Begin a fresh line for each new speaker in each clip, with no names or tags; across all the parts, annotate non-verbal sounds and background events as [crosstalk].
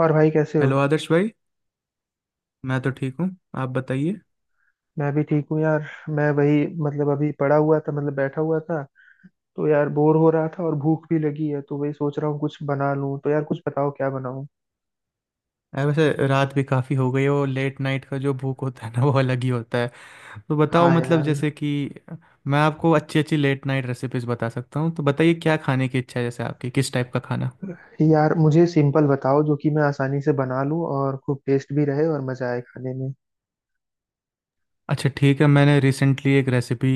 और भाई कैसे हो?
हेलो आदर्श भाई। मैं तो ठीक हूँ। आप बताइए।
मैं भी ठीक हूँ यार। मैं वही, मतलब अभी पड़ा हुआ था, मतलब बैठा हुआ था। तो यार बोर हो रहा था और भूख भी लगी है, तो वही सोच रहा हूँ कुछ बना लूँ। तो यार कुछ बताओ, क्या बनाऊँ?
अरे वैसे रात भी काफ़ी हो गई है, वो लेट नाइट का जो भूख होता है ना वो अलग ही होता है। तो बताओ
हाँ
मतलब
यार।
जैसे कि मैं आपको अच्छी अच्छी लेट नाइट रेसिपीज़ बता सकता हूँ, तो बताइए क्या खाने की इच्छा है, जैसे आपकी किस टाइप का खाना।
यार मुझे सिंपल बताओ जो कि मैं आसानी से बना लूँ और खूब टेस्ट भी रहे और मजा आए खाने में।
अच्छा ठीक है, मैंने रिसेंटली एक रेसिपी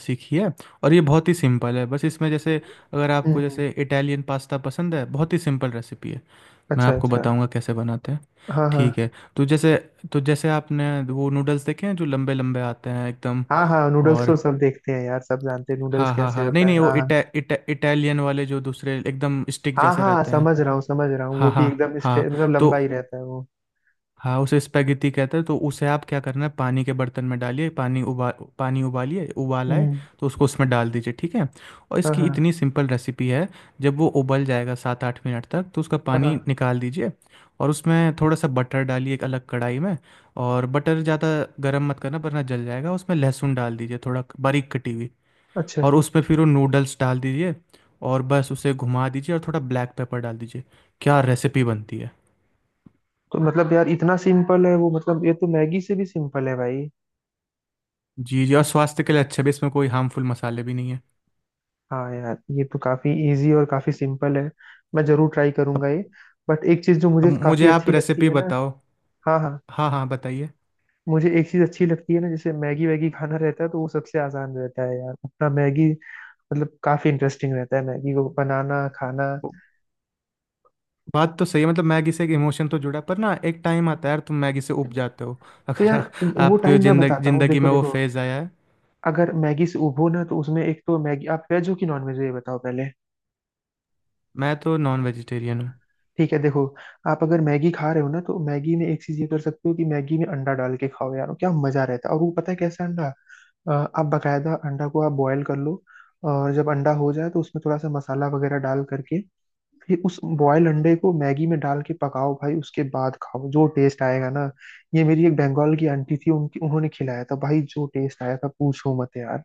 सीखी है और ये बहुत ही सिंपल है। बस इसमें जैसे अगर आपको
हम्म।
जैसे इटालियन पास्ता पसंद है, बहुत ही सिंपल रेसिपी है। मैं
अच्छा
आपको
अच्छा।
बताऊंगा कैसे बनाते हैं।
हाँ हाँ।
ठीक है। तो जैसे तो जैसे आपने वो नूडल्स देखे हैं जो लंबे लंबे आते हैं एकदम।
हाँ हाँ, नूडल्स
और
तो सब देखते हैं यार, सब जानते हैं नूडल्स
हाँ हाँ
कैसे
हाँ, नहीं
होता है।
नहीं, वो
हाँ हाँ।
इटा, इटा, इटालियन वाले जो दूसरे एकदम स्टिक
हाँ
जैसे
हाँ,
रहते हैं।
समझ रहा हूँ समझ रहा हूँ। वो
हाँ
भी
हाँ।
एकदम
हाँ।
मतलब
तो
लंबा ही रहता है वो।
हाँ, उसे स्पेगेटी कहते हैं। तो उसे आप क्या करना है, पानी के बर्तन में डालिए, पानी उबालिए, उबाल आए
हम्म।
तो उसको उसमें डाल दीजिए। ठीक है। और
हाँ
इसकी
हाँ।
इतनी सिंपल रेसिपी है। जब वो उबल जाएगा 7-8 मिनट तक, तो उसका
हाँ।
पानी निकाल दीजिए। और उसमें थोड़ा सा बटर डालिए एक अलग कढ़ाई में। और बटर ज़्यादा गर्म मत करना वरना जल जाएगा, उसमें लहसुन डाल दीजिए थोड़ा बारीक कटी हुई।
अच्छा।
और उसमें फिर वो नूडल्स डाल दीजिए। और बस उसे घुमा दीजिए और थोड़ा ब्लैक पेपर डाल दीजिए। क्या रेसिपी बनती है।
तो मतलब यार इतना सिंपल है वो? मतलब ये तो मैगी से भी सिंपल है भाई।
जी जी, और स्वास्थ्य के लिए अच्छा भी, इसमें कोई हार्मफुल मसाले भी नहीं है।
हाँ यार, ये तो काफी इजी और काफी सिंपल है। मैं जरूर ट्राई
अब
करूंगा ये। बट एक चीज जो
अब
मुझे
मुझे
काफी
आप
अच्छी लगती
रेसिपी
है ना।
बताओ।
हाँ हाँ।
हाँ हाँ, बताइए।
मुझे एक चीज अच्छी लगती है ना, जैसे मैगी वैगी खाना रहता है, तो वो सबसे आसान रहता है यार, अपना मैगी। मतलब काफी इंटरेस्टिंग रहता है मैगी को बनाना खाना।
वो- बात तो सही है, मतलब मैगी से एक इमोशन तो जुड़ा है, पर ना एक टाइम आता है यार, तुम मैगी से उब जाते हो [laughs]
तो
अगर
यार वो
आपके
टाइम मैं
जिंदगी
बताता हूँ,
जिंदगी
देखो
में वो
देखो।
फेज़ आया है।
अगर मैगी से उबो ना, तो उसमें एक तो मैगी आप वेज हो कि नॉन वेज हो, ये बताओ पहले।
मैं तो नॉन वेजिटेरियन हूँ।
ठीक है, देखो। आप अगर मैगी खा रहे हो ना, तो मैगी में एक चीज ये कर सकते हो कि मैगी में अंडा डाल के खाओ यार, क्या मजा रहता है। और वो पता है कैसा अंडा? आप बकायदा अंडा को आप बॉयल कर लो। और जब अंडा हो जाए तो उसमें थोड़ा सा मसाला वगैरह डाल करके, फिर उस बॉयल अंडे को मैगी में डाल के पकाओ भाई, उसके बाद खाओ, जो टेस्ट आएगा ना। ये मेरी एक बंगाल की आंटी थी उनकी, उन्होंने खिलाया था भाई, जो टेस्ट आया था पूछो मत यार।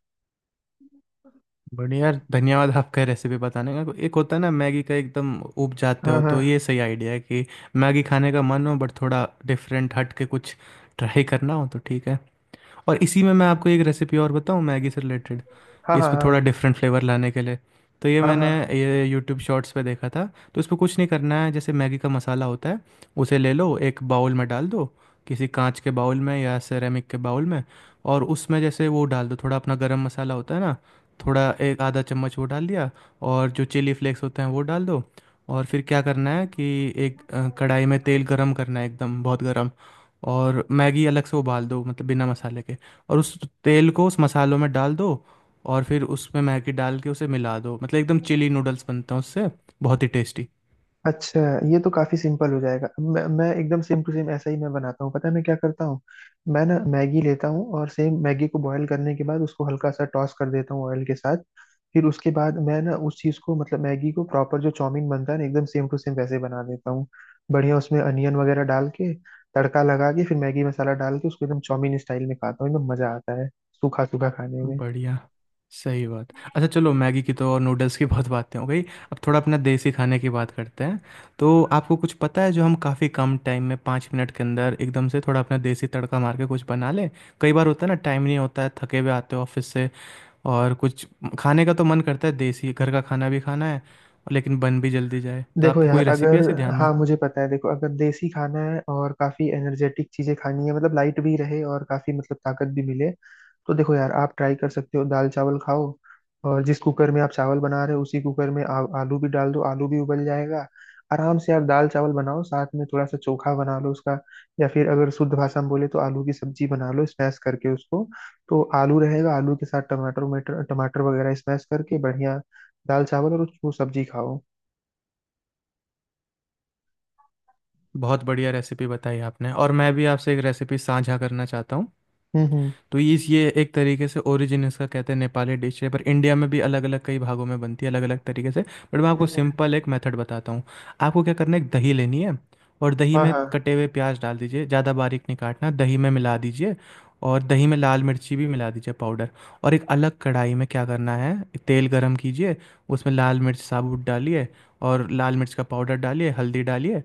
बढ़िया यार, धन्यवाद आपका रेसिपी बताने का। एक होता है ना मैगी का, एकदम उब जाते
हाँ
हो,
हाँ,
तो ये सही आइडिया है कि मैगी खाने का मन हो बट थोड़ा डिफरेंट हट के कुछ ट्राई करना हो तो, ठीक है। और इसी में मैं आपको एक रेसिपी और बताऊँ मैगी से रिलेटेड,
हाँ
इस
हाँ,
पे
हाँ
थोड़ा डिफरेंट फ्लेवर लाने के लिए। तो ये
हाँ,
मैंने
हाँ।
ये यूट्यूब शॉर्ट्स पे देखा था। तो इसमें कुछ नहीं करना है, जैसे मैगी का मसाला होता है उसे ले लो, एक बाउल में डाल दो, किसी कांच के बाउल में या सेरेमिक के बाउल में। और उसमें जैसे वो डाल दो थोड़ा अपना गरम मसाला होता है ना, थोड़ा एक आधा चम्मच वो डाल दिया। और जो चिली फ्लेक्स होते हैं वो डाल दो। और फिर क्या करना है कि एक कढ़ाई में तेल गरम करना है, एकदम बहुत गरम। और मैगी अलग से उबाल दो, मतलब बिना मसाले के। और उस तेल को उस मसालों में डाल दो। और फिर उसमें मैगी डाल के उसे मिला दो, मतलब एकदम चिली नूडल्स बनते हैं उससे, बहुत ही टेस्टी।
अच्छा ये तो काफी सिंपल हो जाएगा। मैं एकदम सेम टू सेम ऐसा ही मैं बनाता हूँ, पता है मैं क्या करता हूँ। मैं ना मैगी लेता हूँ, और सेम मैगी को बॉईल करने के बाद उसको हल्का सा टॉस कर देता हूँ ऑयल के साथ। फिर उसके बाद मैं ना उस चीज को, मतलब मैगी को, प्रॉपर जो चाउमीन बनता है ना एकदम सेम टू सेम वैसे बना देता हूँ। बढ़िया उसमें अनियन वगैरह डाल के, तड़का लगा के, फिर मैगी मसाला डाल के उसको एकदम चाउमीन स्टाइल में खाता हूँ, एकदम मजा आता है सूखा सूखा खाने में।
बढ़िया, सही बात। अच्छा चलो, मैगी की तो और नूडल्स की [laughs] बहुत बातें हो गई। अब थोड़ा अपना देसी खाने की बात करते हैं। तो आपको कुछ पता है जो हम काफ़ी कम टाइम में 5 मिनट के अंदर एकदम से थोड़ा अपना देसी तड़का मार के कुछ बना लें? कई बार होता है ना, टाइम नहीं होता है, थके हुए आते हो ऑफिस से और कुछ खाने का तो मन करता है, देसी घर का खाना भी खाना है लेकिन बन भी जल्दी जाए, तो
देखो
आपकी
यार,
कोई रेसिपी है
अगर
ऐसे ध्यान में?
हाँ मुझे पता है, देखो अगर देसी खाना है और काफी एनर्जेटिक चीजें खानी है, मतलब लाइट भी रहे और काफी मतलब ताकत भी मिले, तो देखो यार आप ट्राई कर सकते हो, दाल चावल खाओ। और जिस कुकर में आप चावल बना रहे हो, उसी कुकर में आलू भी डाल दो, आलू भी उबल जाएगा आराम से। आप दाल चावल बनाओ, साथ में थोड़ा सा चोखा बना लो उसका। या फिर अगर शुद्ध भाषा में बोले, तो आलू की सब्जी बना लो, स्मैश करके उसको। तो आलू रहेगा, आलू के साथ टमाटर, टमाटर टमाटर वगैरह स्मैश करके बढ़िया। दाल चावल और वो सब्जी खाओ।
बहुत बढ़िया रेसिपी बताई आपने, और मैं भी आपसे एक रेसिपी साझा करना चाहता हूँ।
हम्म।
तो इस ये एक तरीके से, ओरिजिन इसका कहते हैं नेपाली डिश है, पर इंडिया में भी अलग अलग कई भागों में बनती है अलग अलग तरीके से, बट मैं आपको
हम्म।
सिंपल एक मेथड बताता हूँ। आपको क्या करना है, एक दही लेनी है। और दही
हाँ
में
हाँ।
कटे हुए प्याज डाल दीजिए, ज़्यादा बारीक नहीं काटना, दही में मिला दीजिए। और दही में लाल मिर्ची भी मिला दीजिए, पाउडर। और एक अलग कढ़ाई में क्या करना है, तेल गरम कीजिए। उसमें लाल मिर्च साबुत डालिए, और लाल मिर्च का पाउडर डालिए, हल्दी डालिए।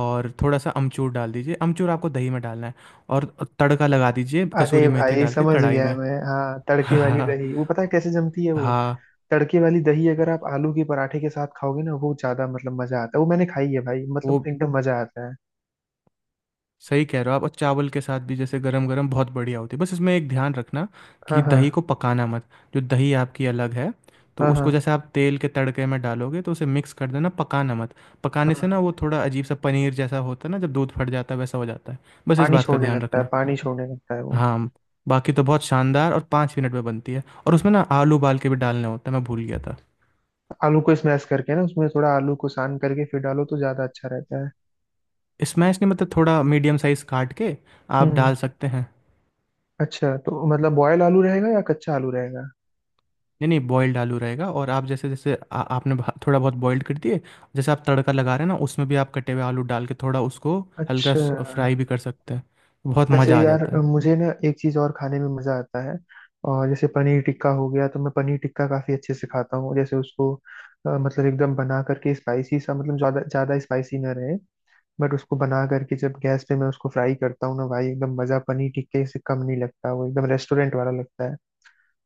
और थोड़ा सा अमचूर डाल दीजिए, अमचूर आपको दही में डालना है। और तड़का लगा दीजिए
अरे
कसूरी मेथी
भाई
डाल के
समझ
कढ़ाई
गया
में
मैं, हाँ तड़के वाली
[laughs]
दही, वो पता है कैसे जमती है वो।
हाँ,
तड़के वाली दही अगर आप आलू के पराठे के साथ खाओगे ना, वो ज्यादा मतलब मजा आता है, वो मैंने खाई है भाई, मतलब
वो
एकदम मजा आता है।
सही कह रहे हो आप। और चावल के साथ भी जैसे गरम गरम बहुत बढ़िया होती है, बस इसमें एक ध्यान रखना
हाँ
कि
हाँ।
दही को पकाना मत। जो दही आपकी अलग है, तो
हाँ हाँ।
उसको जैसे आप तेल के तड़के में डालोगे, तो उसे मिक्स कर देना, पकाना मत। पकाने से ना वो
हाँ।
थोड़ा अजीब सा पनीर जैसा होता है ना, जब दूध फट जाता है वैसा हो जाता है। बस इस
पानी
बात का
छोड़ने
ध्यान
लगता है,
रखना।
पानी छोड़ने लगता है वो।
हाँ, बाकी तो बहुत शानदार, और 5 मिनट में बनती है। और उसमें ना आलू उबाल के भी डालने होते हैं, मैं भूल गया था।
आलू को स्मैश करके ना, उसमें थोड़ा आलू को सान करके फिर डालो तो ज्यादा अच्छा रहता है।
स्मैश नहीं, मतलब थोड़ा मीडियम साइज काट के आप
हम्म।
डाल सकते हैं।
अच्छा तो मतलब बॉयल आलू रहेगा या कच्चा आलू रहेगा?
नहीं नहीं, बॉयल्ड आलू रहेगा। और आप जैसे जैसे आपने थोड़ा बहुत बॉयल्ड कर दिए, जैसे आप तड़का लगा रहे हैं ना, उसमें भी आप कटे हुए आलू डाल के थोड़ा उसको हल्का
अच्छा।
फ्राई भी कर सकते हैं। बहुत
वैसे
मज़ा आ
यार
जाता है।
मुझे ना एक चीज़ और खाने में मज़ा आता है। और जैसे पनीर टिक्का हो गया, तो मैं पनीर टिक्का काफ़ी अच्छे से खाता हूँ। जैसे उसको मतलब एकदम बना करके स्पाइसी सा, मतलब ज़्यादा ज़्यादा स्पाइसी ना रहे। बट उसको बना करके जब गैस पे मैं उसको फ्राई करता हूँ ना भाई, एकदम मज़ा पनीर टिक्के से कम नहीं लगता, वो एकदम रेस्टोरेंट वाला लगता है।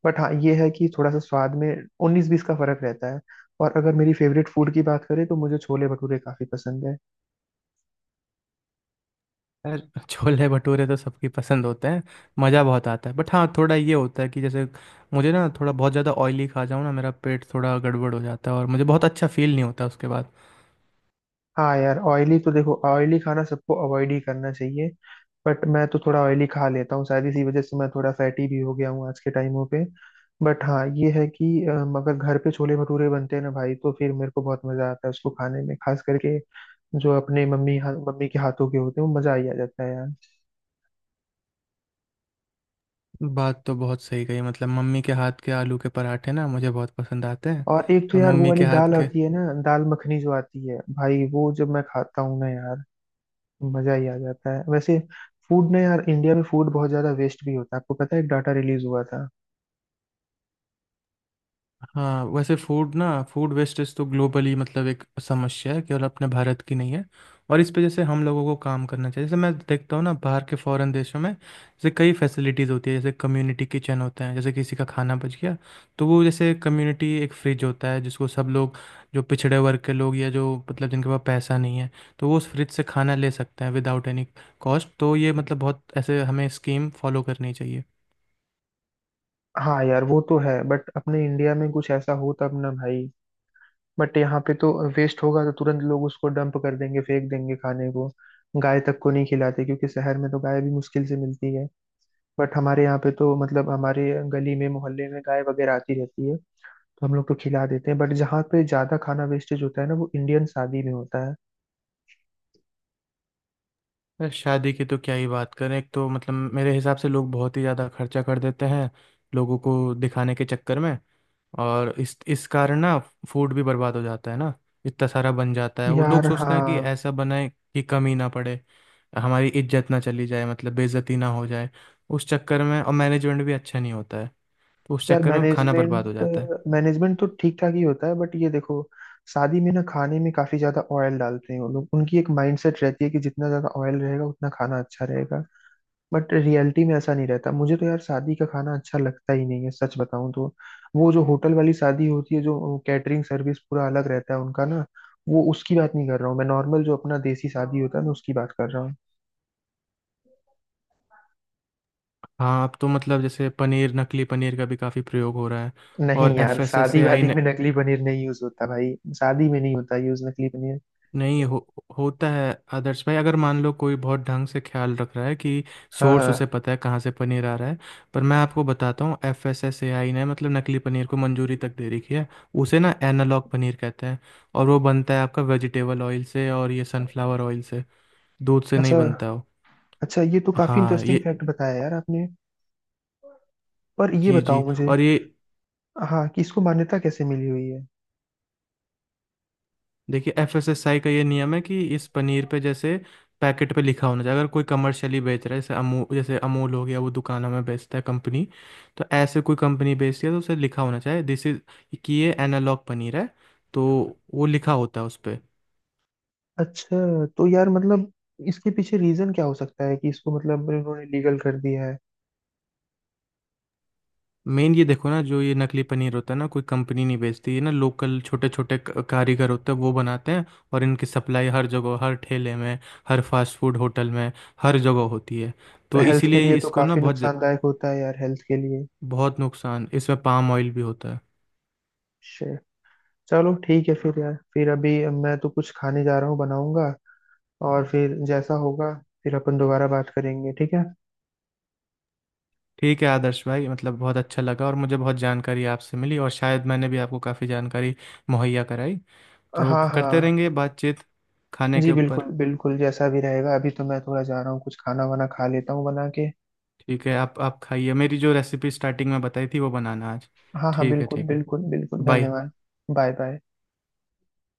बट हाँ ये है कि थोड़ा सा स्वाद में उन्नीस बीस का फ़र्क रहता है। और अगर मेरी फेवरेट फूड की बात करें तो मुझे छोले भटूरे काफ़ी पसंद है।
यार छोले भटूरे तो सबकी पसंद होते हैं, मज़ा बहुत आता है, बट हाँ थोड़ा ये होता है कि जैसे मुझे ना थोड़ा बहुत ज़्यादा ऑयली खा जाऊँ ना, मेरा पेट थोड़ा गड़बड़ हो जाता है और मुझे बहुत अच्छा फील नहीं होता उसके बाद।
हाँ यार, ऑयली तो देखो, ऑयली खाना सबको अवॉइड ही करना चाहिए। बट मैं तो थोड़ा ऑयली खा लेता हूँ, शायद इसी वजह से मैं थोड़ा फैटी भी हो गया हूँ आज के टाइमों पे। बट हाँ ये है कि अगर घर पे छोले भटूरे बनते हैं ना भाई, तो फिर मेरे को बहुत मजा आता है उसको खाने में, खास करके जो अपने मम्मी मम्मी के हाथों के होते हैं, वो मजा ही आ जाता है यार।
बात तो बहुत सही कही, मतलब मम्मी के हाथ के आलू के पराठे ना मुझे बहुत पसंद आते हैं।
और एक तो
और
यार वो
मम्मी
वाली
के हाथ
दाल
के।
आती है ना, दाल मखनी जो आती है भाई, वो जब मैं खाता हूँ ना यार, मजा ही आ जाता है वैसे। फूड ना यार, इंडिया में फूड बहुत ज्यादा वेस्ट भी होता है, आपको पता है एक डाटा रिलीज हुआ था।
हाँ वैसे फूड वेस्टेज तो ग्लोबली मतलब एक समस्या है, केवल अपने भारत की नहीं है। और इस पे जैसे हम लोगों को काम करना चाहिए, जैसे मैं देखता हूँ ना, बाहर के फॉरेन देशों में जैसे कई फैसिलिटीज़ होती है, जैसे कम्युनिटी किचन होते हैं, जैसे किसी का खाना बच गया तो वो जैसे कम्युनिटी एक फ्रिज होता है जिसको सब लोग, जो पिछड़े वर्ग के लोग या जो मतलब जिनके पास पैसा नहीं है, तो वो उस फ्रिज से खाना ले सकते हैं विदाउट एनी कॉस्ट। तो ये मतलब बहुत ऐसे हमें स्कीम फॉलो करनी चाहिए।
हाँ यार, वो तो है बट अपने इंडिया में कुछ ऐसा हो तब ना भाई। बट यहाँ पे तो वेस्ट होगा तो तुरंत लोग उसको डंप कर देंगे, फेंक देंगे खाने को। गाय तक को नहीं खिलाते, क्योंकि शहर में तो गाय भी मुश्किल से मिलती है। बट हमारे यहाँ पे तो, मतलब हमारे गली में मोहल्ले में गाय वगैरह आती रहती है, तो हम लोग तो खिला देते हैं। बट जहाँ पे ज्यादा खाना वेस्टेज होता है ना, वो इंडियन शादी में होता है।
अरे शादी की तो क्या ही बात करें, एक तो मतलब मेरे हिसाब से लोग बहुत ही ज़्यादा खर्चा कर देते हैं लोगों को दिखाने के चक्कर में। और इस कारण ना फूड भी बर्बाद हो जाता है ना। इतना सारा बन जाता है, वो लोग
यार
सोचते हैं कि
हाँ
ऐसा बनाए कि कमी ना पड़े, हमारी इज्जत ना चली जाए, मतलब बेइज्जती ना हो जाए। उस चक्कर में और मैनेजमेंट भी अच्छा नहीं होता है, तो उस
यार,
चक्कर में खाना बर्बाद हो
मैनेजमेंट,
जाता है।
मैनेजमेंट तो ठीक ठाक ही होता है। बट ये देखो, शादी में ना खाने में काफी ज्यादा ऑयल डालते हैं वो लोग। उनकी एक माइंडसेट रहती है कि जितना ज्यादा ऑयल रहेगा उतना खाना अच्छा रहेगा। बट रियलिटी में ऐसा नहीं रहता। मुझे तो यार शादी का खाना अच्छा लगता ही नहीं है, सच बताऊं तो। वो जो होटल वाली शादी होती है, जो कैटरिंग सर्विस पूरा अलग रहता है उनका ना, वो उसकी बात नहीं कर रहा हूँ मैं। नॉर्मल जो अपना देसी शादी होता है ना, उसकी बात कर रहा हूँ।
हाँ, अब तो मतलब जैसे पनीर, नकली पनीर का भी काफ़ी प्रयोग हो रहा है।
नहीं
और एफ
यार,
एस एस
शादी
ए आई
वादी में नकली पनीर नहीं यूज होता भाई। शादी में नहीं होता यूज नकली पनीर।
नहीं हो, होता है आदर्श भाई, अगर मान लो कोई बहुत ढंग से ख्याल रख रहा है कि
हाँ
सोर्स
हाँ।
उसे पता है कहाँ से पनीर आ रहा है। पर मैं आपको बताता हूँ, FSSAI ने मतलब नकली पनीर को मंजूरी तक दे रखी है, उसे ना एनालॉग पनीर कहते हैं। और वो बनता है आपका वेजिटेबल ऑयल से और ये सनफ्लावर ऑयल से, दूध से नहीं
अच्छा।
बनता वो।
अच्छा ये तो काफी
हाँ
इंटरेस्टिंग
ये,
फैक्ट बताया यार आपने। पर ये
जी
बताओ
जी,
मुझे,
और ये
हाँ कि इसको मान्यता कैसे मिली हुई है?
देखिए FSSAI का ये नियम है कि इस पनीर पे जैसे पैकेट पे लिखा होना चाहिए, अगर कोई कमर्शियली बेच रहा है, जैसे अमूल, जैसे अमूल हो गया, वो दुकानों में बेचता है कंपनी। तो ऐसे कोई कंपनी बेचती है तो उसे लिखा होना चाहिए दिस इज, कि ये एनालॉग पनीर है। तो वो लिखा होता है उस पर।
अच्छा तो यार, मतलब इसके पीछे रीजन क्या हो सकता है कि इसको मतलब उन्होंने लीगल कर दिया है?
मेन ये देखो ना, जो ये नकली पनीर होता है ना, कोई कंपनी नहीं बेचती ये ना, लोकल छोटे छोटे कारीगर होते हैं वो बनाते हैं। और इनकी सप्लाई हर जगह, हर ठेले में, हर फास्ट फूड होटल में, हर जगह होती है। तो
हेल्थ के लिए
इसीलिए
तो
इसको ना
काफी
बहुत
नुकसानदायक होता है यार, हेल्थ के लिए।
बहुत नुकसान, इसमें पाम ऑयल भी होता है।
Shit. चलो ठीक है, फिर यार फिर अभी मैं तो कुछ खाने जा रहा हूँ, बनाऊंगा और फिर जैसा होगा फिर अपन दोबारा बात करेंगे, ठीक है।
ठीक है आदर्श भाई, मतलब बहुत अच्छा लगा और मुझे बहुत जानकारी आपसे मिली, और शायद मैंने भी आपको काफ़ी जानकारी मुहैया कराई, तो
हाँ
करते
हाँ।
रहेंगे बातचीत खाने
जी
के
बिल्कुल
ऊपर।
बिल्कुल, जैसा भी रहेगा, अभी तो मैं थोड़ा जा रहा हूँ, कुछ खाना वाना खा लेता हूँ बना के।
ठीक है, आप खाइए, मेरी जो रेसिपी स्टार्टिंग में बताई थी वो बनाना आज।
हाँ हाँ,
ठीक है,
बिल्कुल
ठीक है।
बिल्कुल बिल्कुल,
बाय।
धन्यवाद। Bye bye.